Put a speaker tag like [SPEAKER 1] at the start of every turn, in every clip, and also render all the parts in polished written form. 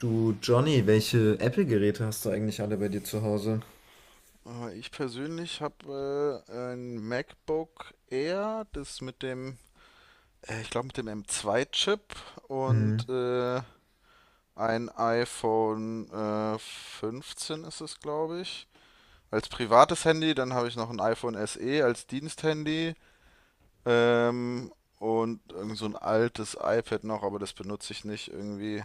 [SPEAKER 1] Du Johnny, welche Apple-Geräte hast du eigentlich alle bei dir zu Hause?
[SPEAKER 2] Ich persönlich habe ein MacBook Air, das mit dem, ich glaube mit dem M2-Chip
[SPEAKER 1] Hm,
[SPEAKER 2] und äh, ein iPhone 15 ist es, glaube ich, als privates Handy. Dann habe ich noch ein iPhone SE als Diensthandy ähm, und irgend so ein altes iPad noch, aber das benutze ich nicht irgendwie,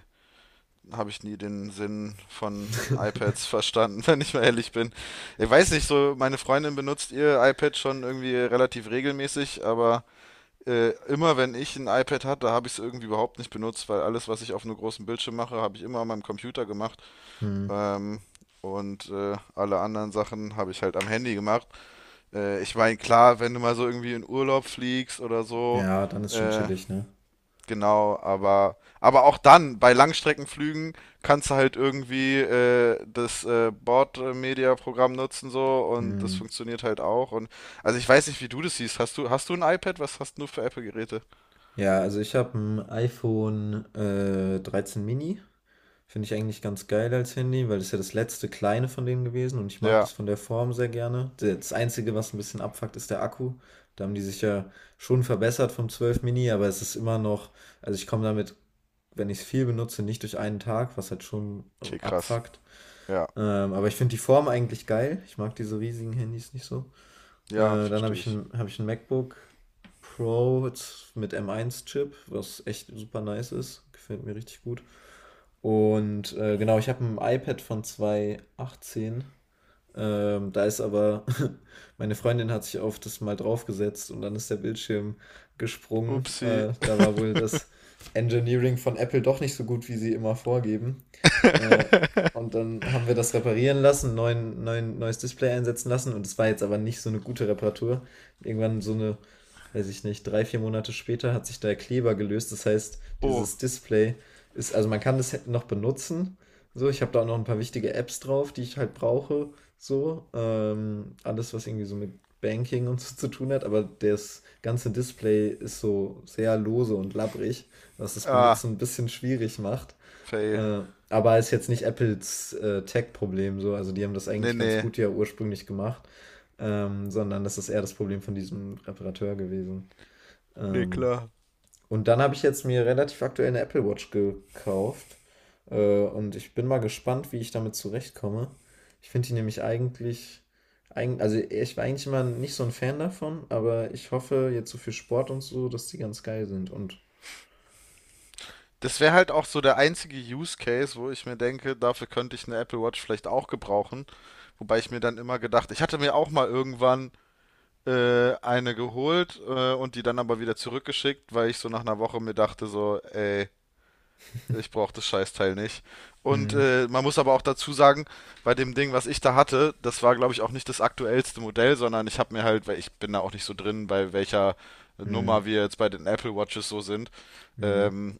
[SPEAKER 2] habe ich nie den Sinn von iPads verstanden, wenn ich mal ehrlich bin. Ich weiß nicht, so meine Freundin benutzt ihr iPad schon irgendwie relativ regelmäßig, aber immer wenn ich ein iPad hatte, habe ich es irgendwie überhaupt nicht benutzt, weil alles, was ich auf einem großen Bildschirm mache, habe ich immer an meinem Computer gemacht.
[SPEAKER 1] hm.
[SPEAKER 2] Ähm, Alle anderen Sachen habe ich halt am Handy gemacht. Ich meine, klar, wenn du mal so irgendwie in Urlaub fliegst oder so,
[SPEAKER 1] Ja, dann ist schon
[SPEAKER 2] äh,
[SPEAKER 1] chillig, ne?
[SPEAKER 2] genau, aber auch dann, bei Langstreckenflügen kannst du halt irgendwie das Bordmedia-Programm nutzen so und das
[SPEAKER 1] Hm.
[SPEAKER 2] funktioniert halt auch. Und also ich weiß nicht, wie du das siehst. Hast du ein iPad? Was hast du für Apple-Geräte?
[SPEAKER 1] Ja, also ich habe ein iPhone 13 Mini. Finde ich eigentlich ganz geil als Handy, weil das ist ja das letzte kleine von denen gewesen und ich mag
[SPEAKER 2] Ja,
[SPEAKER 1] das von der Form sehr gerne. Das Einzige, was ein bisschen abfuckt, ist der Akku. Da haben die sich ja schon verbessert vom 12 Mini, aber es ist immer noch, also ich komme damit, wenn ich es viel benutze, nicht durch einen Tag, was halt schon
[SPEAKER 2] okay, krass.
[SPEAKER 1] abfuckt.
[SPEAKER 2] Ja,
[SPEAKER 1] Aber ich finde die Form eigentlich geil. Ich mag diese riesigen Handys nicht so.
[SPEAKER 2] ja,
[SPEAKER 1] Dann habe
[SPEAKER 2] verstehe
[SPEAKER 1] ich
[SPEAKER 2] ich.
[SPEAKER 1] ein, hab ich ein MacBook Pro jetzt mit m eins chip, was echt super nice ist. Gefällt mir richtig gut. Und genau, ich habe ein iPad von 2018. Da ist aber, meine Freundin hat sich auf das mal draufgesetzt und dann ist der Bildschirm gesprungen.
[SPEAKER 2] Upsi.
[SPEAKER 1] Da war wohl das Engineering von Apple doch nicht so gut, wie sie immer vorgeben. Äh, und dann haben wir das reparieren lassen, neues Display einsetzen lassen und es war jetzt aber nicht so eine gute Reparatur. Irgendwann so eine, weiß ich nicht, drei, vier Monate später hat sich der Kleber gelöst. Das heißt,
[SPEAKER 2] Oh,
[SPEAKER 1] dieses Display ist, also man kann das noch benutzen. So, ich habe da auch noch ein paar wichtige Apps drauf, die ich halt brauche. So, alles, was irgendwie so mit Banking und so zu tun hat, aber das ganze Display ist so sehr lose und labbrig, was das
[SPEAKER 2] ah,
[SPEAKER 1] Benutzen ein bisschen schwierig macht.
[SPEAKER 2] fail.
[SPEAKER 1] Äh, aber ist jetzt nicht Apples Tech-Problem so. Also die haben das
[SPEAKER 2] Nee,
[SPEAKER 1] eigentlich ganz
[SPEAKER 2] nee.
[SPEAKER 1] gut ja ursprünglich gemacht, sondern das ist eher das Problem von diesem Reparateur gewesen.
[SPEAKER 2] Nee,
[SPEAKER 1] Ähm,
[SPEAKER 2] klar.
[SPEAKER 1] und dann habe ich jetzt mir relativ aktuell eine Apple Watch gekauft. Und ich bin mal gespannt, wie ich damit zurechtkomme. Ich finde die nämlich eigentlich, eig also ich war eigentlich immer nicht so ein Fan davon, aber ich hoffe jetzt so für Sport und so, dass die ganz geil sind. Und
[SPEAKER 2] Das wäre halt auch so der einzige Use Case, wo ich mir denke, dafür könnte ich eine Apple Watch vielleicht auch gebrauchen. Wobei ich mir dann immer gedacht, ich hatte mir auch mal irgendwann eine geholt und die dann aber wieder zurückgeschickt, weil ich so nach einer Woche mir dachte so, ey, ich brauche das Scheißteil nicht. Und
[SPEAKER 1] hm,
[SPEAKER 2] man muss aber auch dazu sagen, bei dem Ding, was ich da hatte, das war, glaube ich, auch nicht das aktuellste Modell, sondern ich habe mir halt, weil ich bin da auch nicht so drin, bei welcher Nummer
[SPEAKER 1] hm,
[SPEAKER 2] wir jetzt bei den Apple Watches so sind.
[SPEAKER 1] hm,
[SPEAKER 2] Ähm,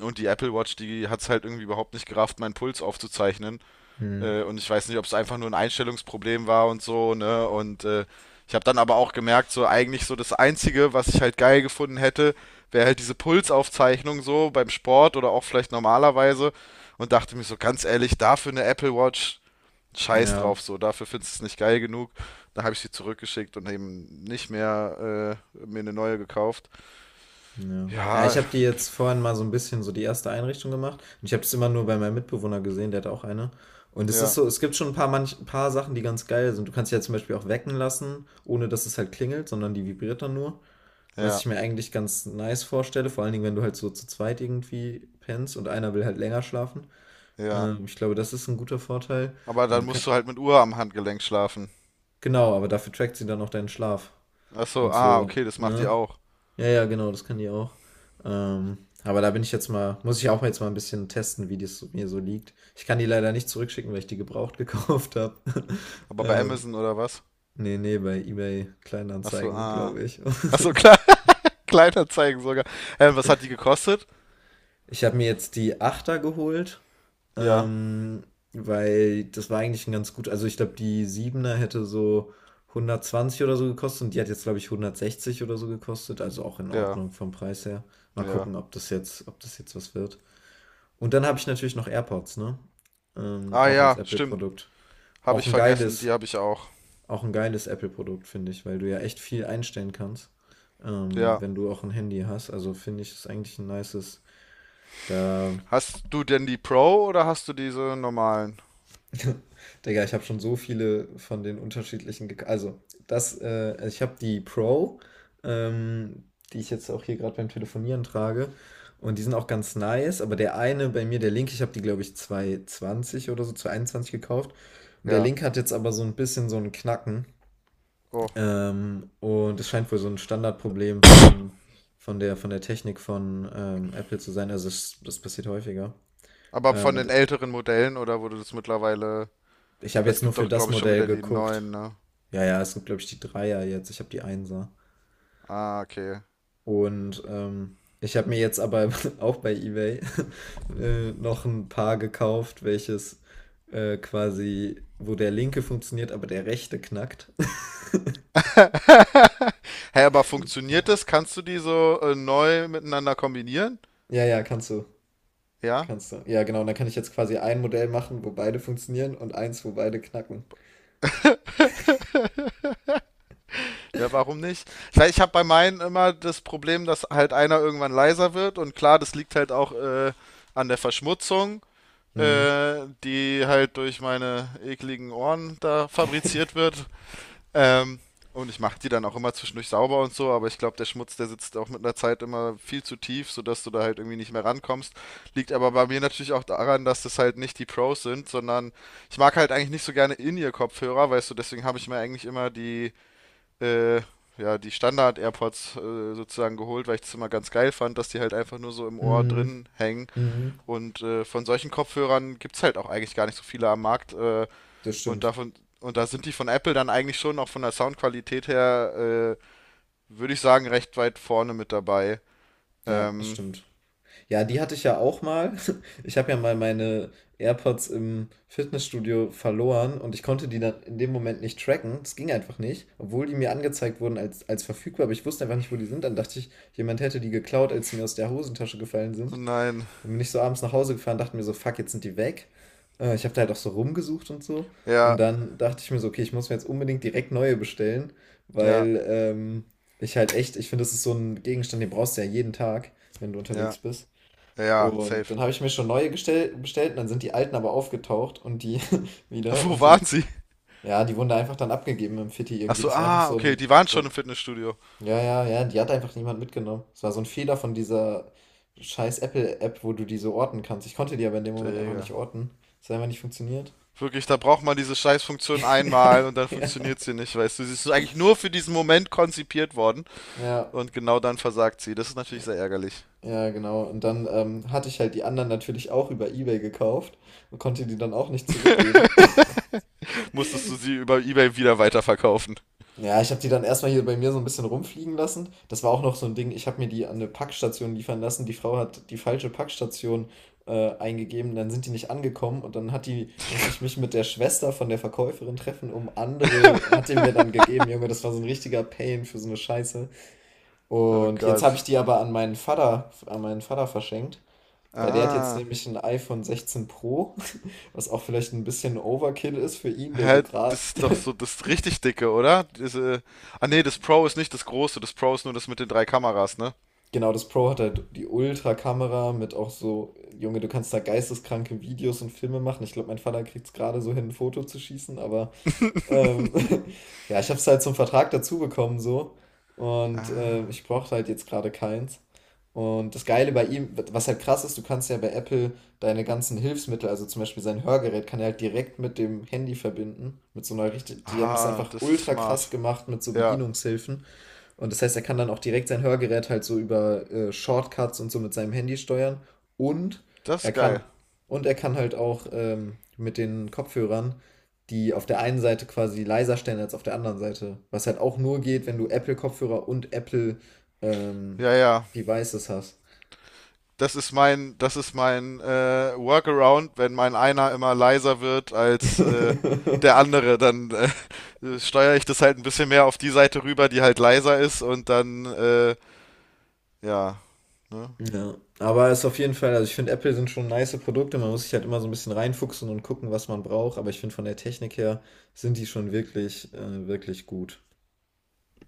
[SPEAKER 2] und die Apple Watch, die hat es halt irgendwie überhaupt nicht gerafft, meinen Puls aufzuzeichnen.
[SPEAKER 1] hm.
[SPEAKER 2] Und ich weiß nicht, ob es einfach nur ein Einstellungsproblem war und so, ne? Und ich habe dann aber auch gemerkt, so eigentlich so das Einzige, was ich halt geil gefunden hätte, wäre halt diese Pulsaufzeichnung so beim Sport oder auch vielleicht normalerweise. Und dachte mir so ganz ehrlich, dafür eine Apple Watch, scheiß
[SPEAKER 1] Ja,
[SPEAKER 2] drauf, so, dafür findest du es nicht geil genug. Da habe ich sie zurückgeschickt und eben nicht mehr mir eine neue gekauft.
[SPEAKER 1] ja. Ja, ich
[SPEAKER 2] Ja,
[SPEAKER 1] habe die jetzt vorhin mal so ein bisschen so die erste Einrichtung gemacht und ich habe es immer nur bei meinem Mitbewohner gesehen, der hat auch eine. Und es ist
[SPEAKER 2] ja,
[SPEAKER 1] so, es gibt schon ein paar manch ein paar Sachen, die ganz geil sind. Du kannst die ja zum Beispiel auch wecken lassen, ohne dass es halt klingelt, sondern die vibriert dann nur, was
[SPEAKER 2] ja,
[SPEAKER 1] ich mir eigentlich ganz nice vorstelle, vor allen Dingen, wenn du halt so zu zweit irgendwie pennst und einer will halt länger schlafen.
[SPEAKER 2] ja.
[SPEAKER 1] Ich glaube, das ist ein guter Vorteil.
[SPEAKER 2] Aber
[SPEAKER 1] Und du
[SPEAKER 2] dann
[SPEAKER 1] kann
[SPEAKER 2] musst du halt mit Uhr am Handgelenk schlafen.
[SPEAKER 1] genau, aber dafür trackt sie dann auch deinen Schlaf
[SPEAKER 2] Achso,
[SPEAKER 1] und
[SPEAKER 2] ah,
[SPEAKER 1] so,
[SPEAKER 2] okay, das macht die
[SPEAKER 1] ne?
[SPEAKER 2] auch.
[SPEAKER 1] Ja, ja, genau, das kann die auch. Aber da bin ich jetzt mal, muss ich auch jetzt mal ein bisschen testen, wie das mir so liegt. Ich kann die leider nicht zurückschicken, weil ich die gebraucht gekauft habe.
[SPEAKER 2] Aber bei
[SPEAKER 1] Ähm,
[SPEAKER 2] Amazon oder was?
[SPEAKER 1] nee, nee, bei eBay
[SPEAKER 2] Achso,
[SPEAKER 1] Kleinanzeigen,
[SPEAKER 2] ah.
[SPEAKER 1] glaube ich.
[SPEAKER 2] Achso, klar, Kleinanzeigen sogar. Was hat die gekostet?
[SPEAKER 1] Ich habe mir jetzt die Achter geholt,
[SPEAKER 2] Ja,
[SPEAKER 1] ähm, weil das war eigentlich ein ganz gut, also ich glaube, die Siebener hätte so 120 oder so gekostet und die hat jetzt, glaube ich, 160 oder so gekostet, also auch in
[SPEAKER 2] ja,
[SPEAKER 1] Ordnung vom Preis her. Mal
[SPEAKER 2] ja.
[SPEAKER 1] gucken, ob das jetzt was wird. Und dann habe ich natürlich noch AirPods, ne?
[SPEAKER 2] Ah
[SPEAKER 1] Auch als
[SPEAKER 2] ja, stimmt.
[SPEAKER 1] Apple-Produkt.
[SPEAKER 2] Habe
[SPEAKER 1] Auch
[SPEAKER 2] ich
[SPEAKER 1] ein
[SPEAKER 2] vergessen, die
[SPEAKER 1] geiles,
[SPEAKER 2] habe ich auch.
[SPEAKER 1] auch ein geiles Apple-Produkt, finde ich, weil du ja echt viel einstellen kannst,
[SPEAKER 2] Ja.
[SPEAKER 1] wenn du auch ein Handy hast. Also finde ich, ist eigentlich ein nices. Da
[SPEAKER 2] Hast du denn die Pro oder hast du diese normalen?
[SPEAKER 1] Digga, ich habe schon so viele von den unterschiedlichen gek Also, ich habe die Pro, ähm, die ich jetzt auch hier gerade beim Telefonieren trage. Und die sind auch ganz nice, aber der eine bei mir, der linke, ich habe die, glaube ich, 220 oder so, 221 gekauft. Und der
[SPEAKER 2] Ja.
[SPEAKER 1] linke hat jetzt aber so ein bisschen so einen Knacken.
[SPEAKER 2] Oh.
[SPEAKER 1] Und es scheint wohl so ein Standardproblem von, von der Technik von Apple zu sein. Also, das passiert häufiger.
[SPEAKER 2] Aber von den
[SPEAKER 1] Und
[SPEAKER 2] älteren Modellen oder wurde das mittlerweile.
[SPEAKER 1] ich habe
[SPEAKER 2] Weil
[SPEAKER 1] jetzt
[SPEAKER 2] es
[SPEAKER 1] nur
[SPEAKER 2] gibt
[SPEAKER 1] für
[SPEAKER 2] doch,
[SPEAKER 1] das
[SPEAKER 2] glaube ich, schon
[SPEAKER 1] Modell
[SPEAKER 2] wieder die
[SPEAKER 1] geguckt.
[SPEAKER 2] neuen, ne?
[SPEAKER 1] Ja, ja, es sind, glaube ich, die Dreier jetzt. Ich habe die Einser.
[SPEAKER 2] Ah, okay.
[SPEAKER 1] Und ich habe mir jetzt aber auch bei eBay noch ein Paar gekauft, welches quasi, wo der linke funktioniert, aber der rechte knackt.
[SPEAKER 2] Hä, hey, aber funktioniert das? Kannst du die so neu miteinander kombinieren?
[SPEAKER 1] Ja, ja, kannst du.
[SPEAKER 2] Ja?
[SPEAKER 1] Kannst du. Ja, genau. Und dann kann ich jetzt quasi ein Modell machen, wo beide funktionieren und eins, wo beide knacken.
[SPEAKER 2] Ja, warum nicht? Ich weiß, ich habe bei meinen immer das Problem, dass halt einer irgendwann leiser wird und klar, das liegt halt auch an der Verschmutzung,
[SPEAKER 1] Mhm.
[SPEAKER 2] die halt durch meine ekligen Ohren da fabriziert wird. Ähm, und ich mache die dann auch immer zwischendurch sauber und so, aber ich glaube, der Schmutz, der sitzt auch mit einer Zeit immer viel zu tief, sodass du da halt irgendwie nicht mehr rankommst. Liegt aber bei mir natürlich auch daran, dass das halt nicht die Pros sind, sondern ich mag halt eigentlich nicht so gerne In-Ear-Kopfhörer, weißt du, deswegen habe ich mir eigentlich immer die äh, ja, die Standard-AirPods sozusagen geholt, weil ich das immer ganz geil fand, dass die halt einfach nur so im Ohr
[SPEAKER 1] Mhm.
[SPEAKER 2] drin hängen.
[SPEAKER 1] Mhm.
[SPEAKER 2] Und von solchen Kopfhörern gibt's halt auch eigentlich gar nicht so viele am Markt.
[SPEAKER 1] Das
[SPEAKER 2] Und
[SPEAKER 1] stimmt.
[SPEAKER 2] davon, und da sind die von Apple dann eigentlich schon auch von der Soundqualität her, würde ich sagen, recht weit vorne mit dabei.
[SPEAKER 1] Ja, das
[SPEAKER 2] Ähm,
[SPEAKER 1] stimmt. Ja, die hatte ich ja auch mal. Ich habe ja mal meine AirPods im Fitnessstudio verloren und ich konnte die dann in dem Moment nicht tracken. Das ging einfach nicht, obwohl die mir angezeigt wurden als, als verfügbar, aber ich wusste einfach nicht, wo die sind. Dann dachte ich, jemand hätte die geklaut, als sie mir aus der Hosentasche gefallen
[SPEAKER 2] oh
[SPEAKER 1] sind.
[SPEAKER 2] nein.
[SPEAKER 1] Dann bin ich so abends nach Hause gefahren, dachte mir so, fuck, jetzt sind die weg. Ich habe da halt auch so rumgesucht und so. Und
[SPEAKER 2] Ja,
[SPEAKER 1] dann dachte ich mir so, okay, ich muss mir jetzt unbedingt direkt neue bestellen,
[SPEAKER 2] ja,
[SPEAKER 1] weil ich halt echt, ich finde, das ist so ein Gegenstand, den brauchst du ja jeden Tag, wenn du
[SPEAKER 2] ja,
[SPEAKER 1] unterwegs bist.
[SPEAKER 2] ja,
[SPEAKER 1] Und
[SPEAKER 2] safe.
[SPEAKER 1] dann habe ich mir schon neue gestell bestellt und dann sind die alten aber aufgetaucht und die wieder
[SPEAKER 2] Wo
[SPEAKER 1] und die,
[SPEAKER 2] waren sie?
[SPEAKER 1] ja, die wurden da einfach dann abgegeben im Fitti irgendwie.
[SPEAKER 2] Achso,
[SPEAKER 1] Das war einfach
[SPEAKER 2] ah,
[SPEAKER 1] so
[SPEAKER 2] okay,
[SPEAKER 1] ein,
[SPEAKER 2] die waren schon im Fitnessstudio.
[SPEAKER 1] ja, ja, ja, die hat einfach niemand mitgenommen. Das war so ein Fehler von dieser scheiß Apple-App, wo du die so orten kannst. Ich konnte die aber in dem Moment einfach
[SPEAKER 2] Digga.
[SPEAKER 1] nicht orten. Das hat einfach nicht funktioniert.
[SPEAKER 2] Wirklich, da braucht man diese Scheißfunktion einmal und dann
[SPEAKER 1] Ja,
[SPEAKER 2] funktioniert sie nicht, weißt du. Sie ist eigentlich nur für diesen Moment konzipiert worden
[SPEAKER 1] ja,
[SPEAKER 2] und genau dann versagt sie. Das ist natürlich sehr ärgerlich.
[SPEAKER 1] ja, genau. Und dann hatte ich halt die anderen natürlich auch über eBay gekauft und konnte die dann auch nicht zurückgeben.
[SPEAKER 2] Musstest du sie über eBay wieder weiterverkaufen.
[SPEAKER 1] Ja, ich habe die dann erstmal hier bei mir so ein bisschen rumfliegen lassen. Das war auch noch so ein Ding. Ich habe mir die an eine Packstation liefern lassen. Die Frau hat die falsche Packstation eingegeben. Dann sind die nicht angekommen und dann musste ich mich mit der Schwester von der Verkäuferin treffen, um andere, hat die mir dann gegeben. Junge, das war so ein richtiger Pain für so eine Scheiße.
[SPEAKER 2] Oh
[SPEAKER 1] Und jetzt habe ich
[SPEAKER 2] Gott.
[SPEAKER 1] die aber an meinen Vater verschenkt. Weil der hat jetzt
[SPEAKER 2] Ah.
[SPEAKER 1] nämlich ein iPhone 16 Pro, was auch vielleicht ein bisschen Overkill ist für ihn, der so
[SPEAKER 2] Hä,
[SPEAKER 1] gerade
[SPEAKER 2] das ist doch so das richtig dicke, oder? Diese. Ah nee, das Pro ist nicht das große, das Pro ist nur das mit den drei Kameras, ne?
[SPEAKER 1] Genau, das Pro hat halt die Ultra-Kamera mit auch so, Junge, du kannst da geisteskranke Videos und Filme machen. Ich glaube, mein Vater kriegt es gerade so hin, ein Foto zu schießen, aber ähm, ja, ich habe es halt zum Vertrag dazu bekommen so und
[SPEAKER 2] Ah,
[SPEAKER 1] ich brauchte halt jetzt gerade keins. Und das Geile bei ihm, was halt krass ist, du kannst ja bei Apple deine ganzen Hilfsmittel, also zum Beispiel sein Hörgerät, kann er halt direkt mit dem Handy verbinden, mit so einer richtig, die haben das
[SPEAKER 2] ah,
[SPEAKER 1] einfach
[SPEAKER 2] das ist
[SPEAKER 1] ultra krass
[SPEAKER 2] smart.
[SPEAKER 1] gemacht mit so
[SPEAKER 2] Ja,
[SPEAKER 1] Bedienungshilfen. Und das heißt, er kann dann auch direkt sein Hörgerät halt so über Shortcuts und so mit seinem Handy steuern. Und
[SPEAKER 2] das
[SPEAKER 1] er
[SPEAKER 2] ist
[SPEAKER 1] kann,
[SPEAKER 2] geil.
[SPEAKER 1] und er kann halt auch mit den Kopfhörern die auf der einen Seite quasi leiser stellen als auf der anderen Seite. Was halt auch nur geht, wenn du
[SPEAKER 2] Hm,
[SPEAKER 1] Apple-Kopfhörer und Apple ähm,
[SPEAKER 2] ja, ja.
[SPEAKER 1] Devices hast.
[SPEAKER 2] Das ist mein, das ist mein Workaround, wenn mein einer immer leiser wird als der andere, dann steuere ich das halt ein bisschen mehr auf die Seite rüber, die halt leiser ist und dann, ja, ne?
[SPEAKER 1] Ja, aber es ist auf jeden Fall, also ich finde Apple sind schon nice Produkte, man muss sich halt immer so ein bisschen reinfuchsen und gucken, was man braucht, aber ich finde von der Technik her sind die schon wirklich, wirklich gut.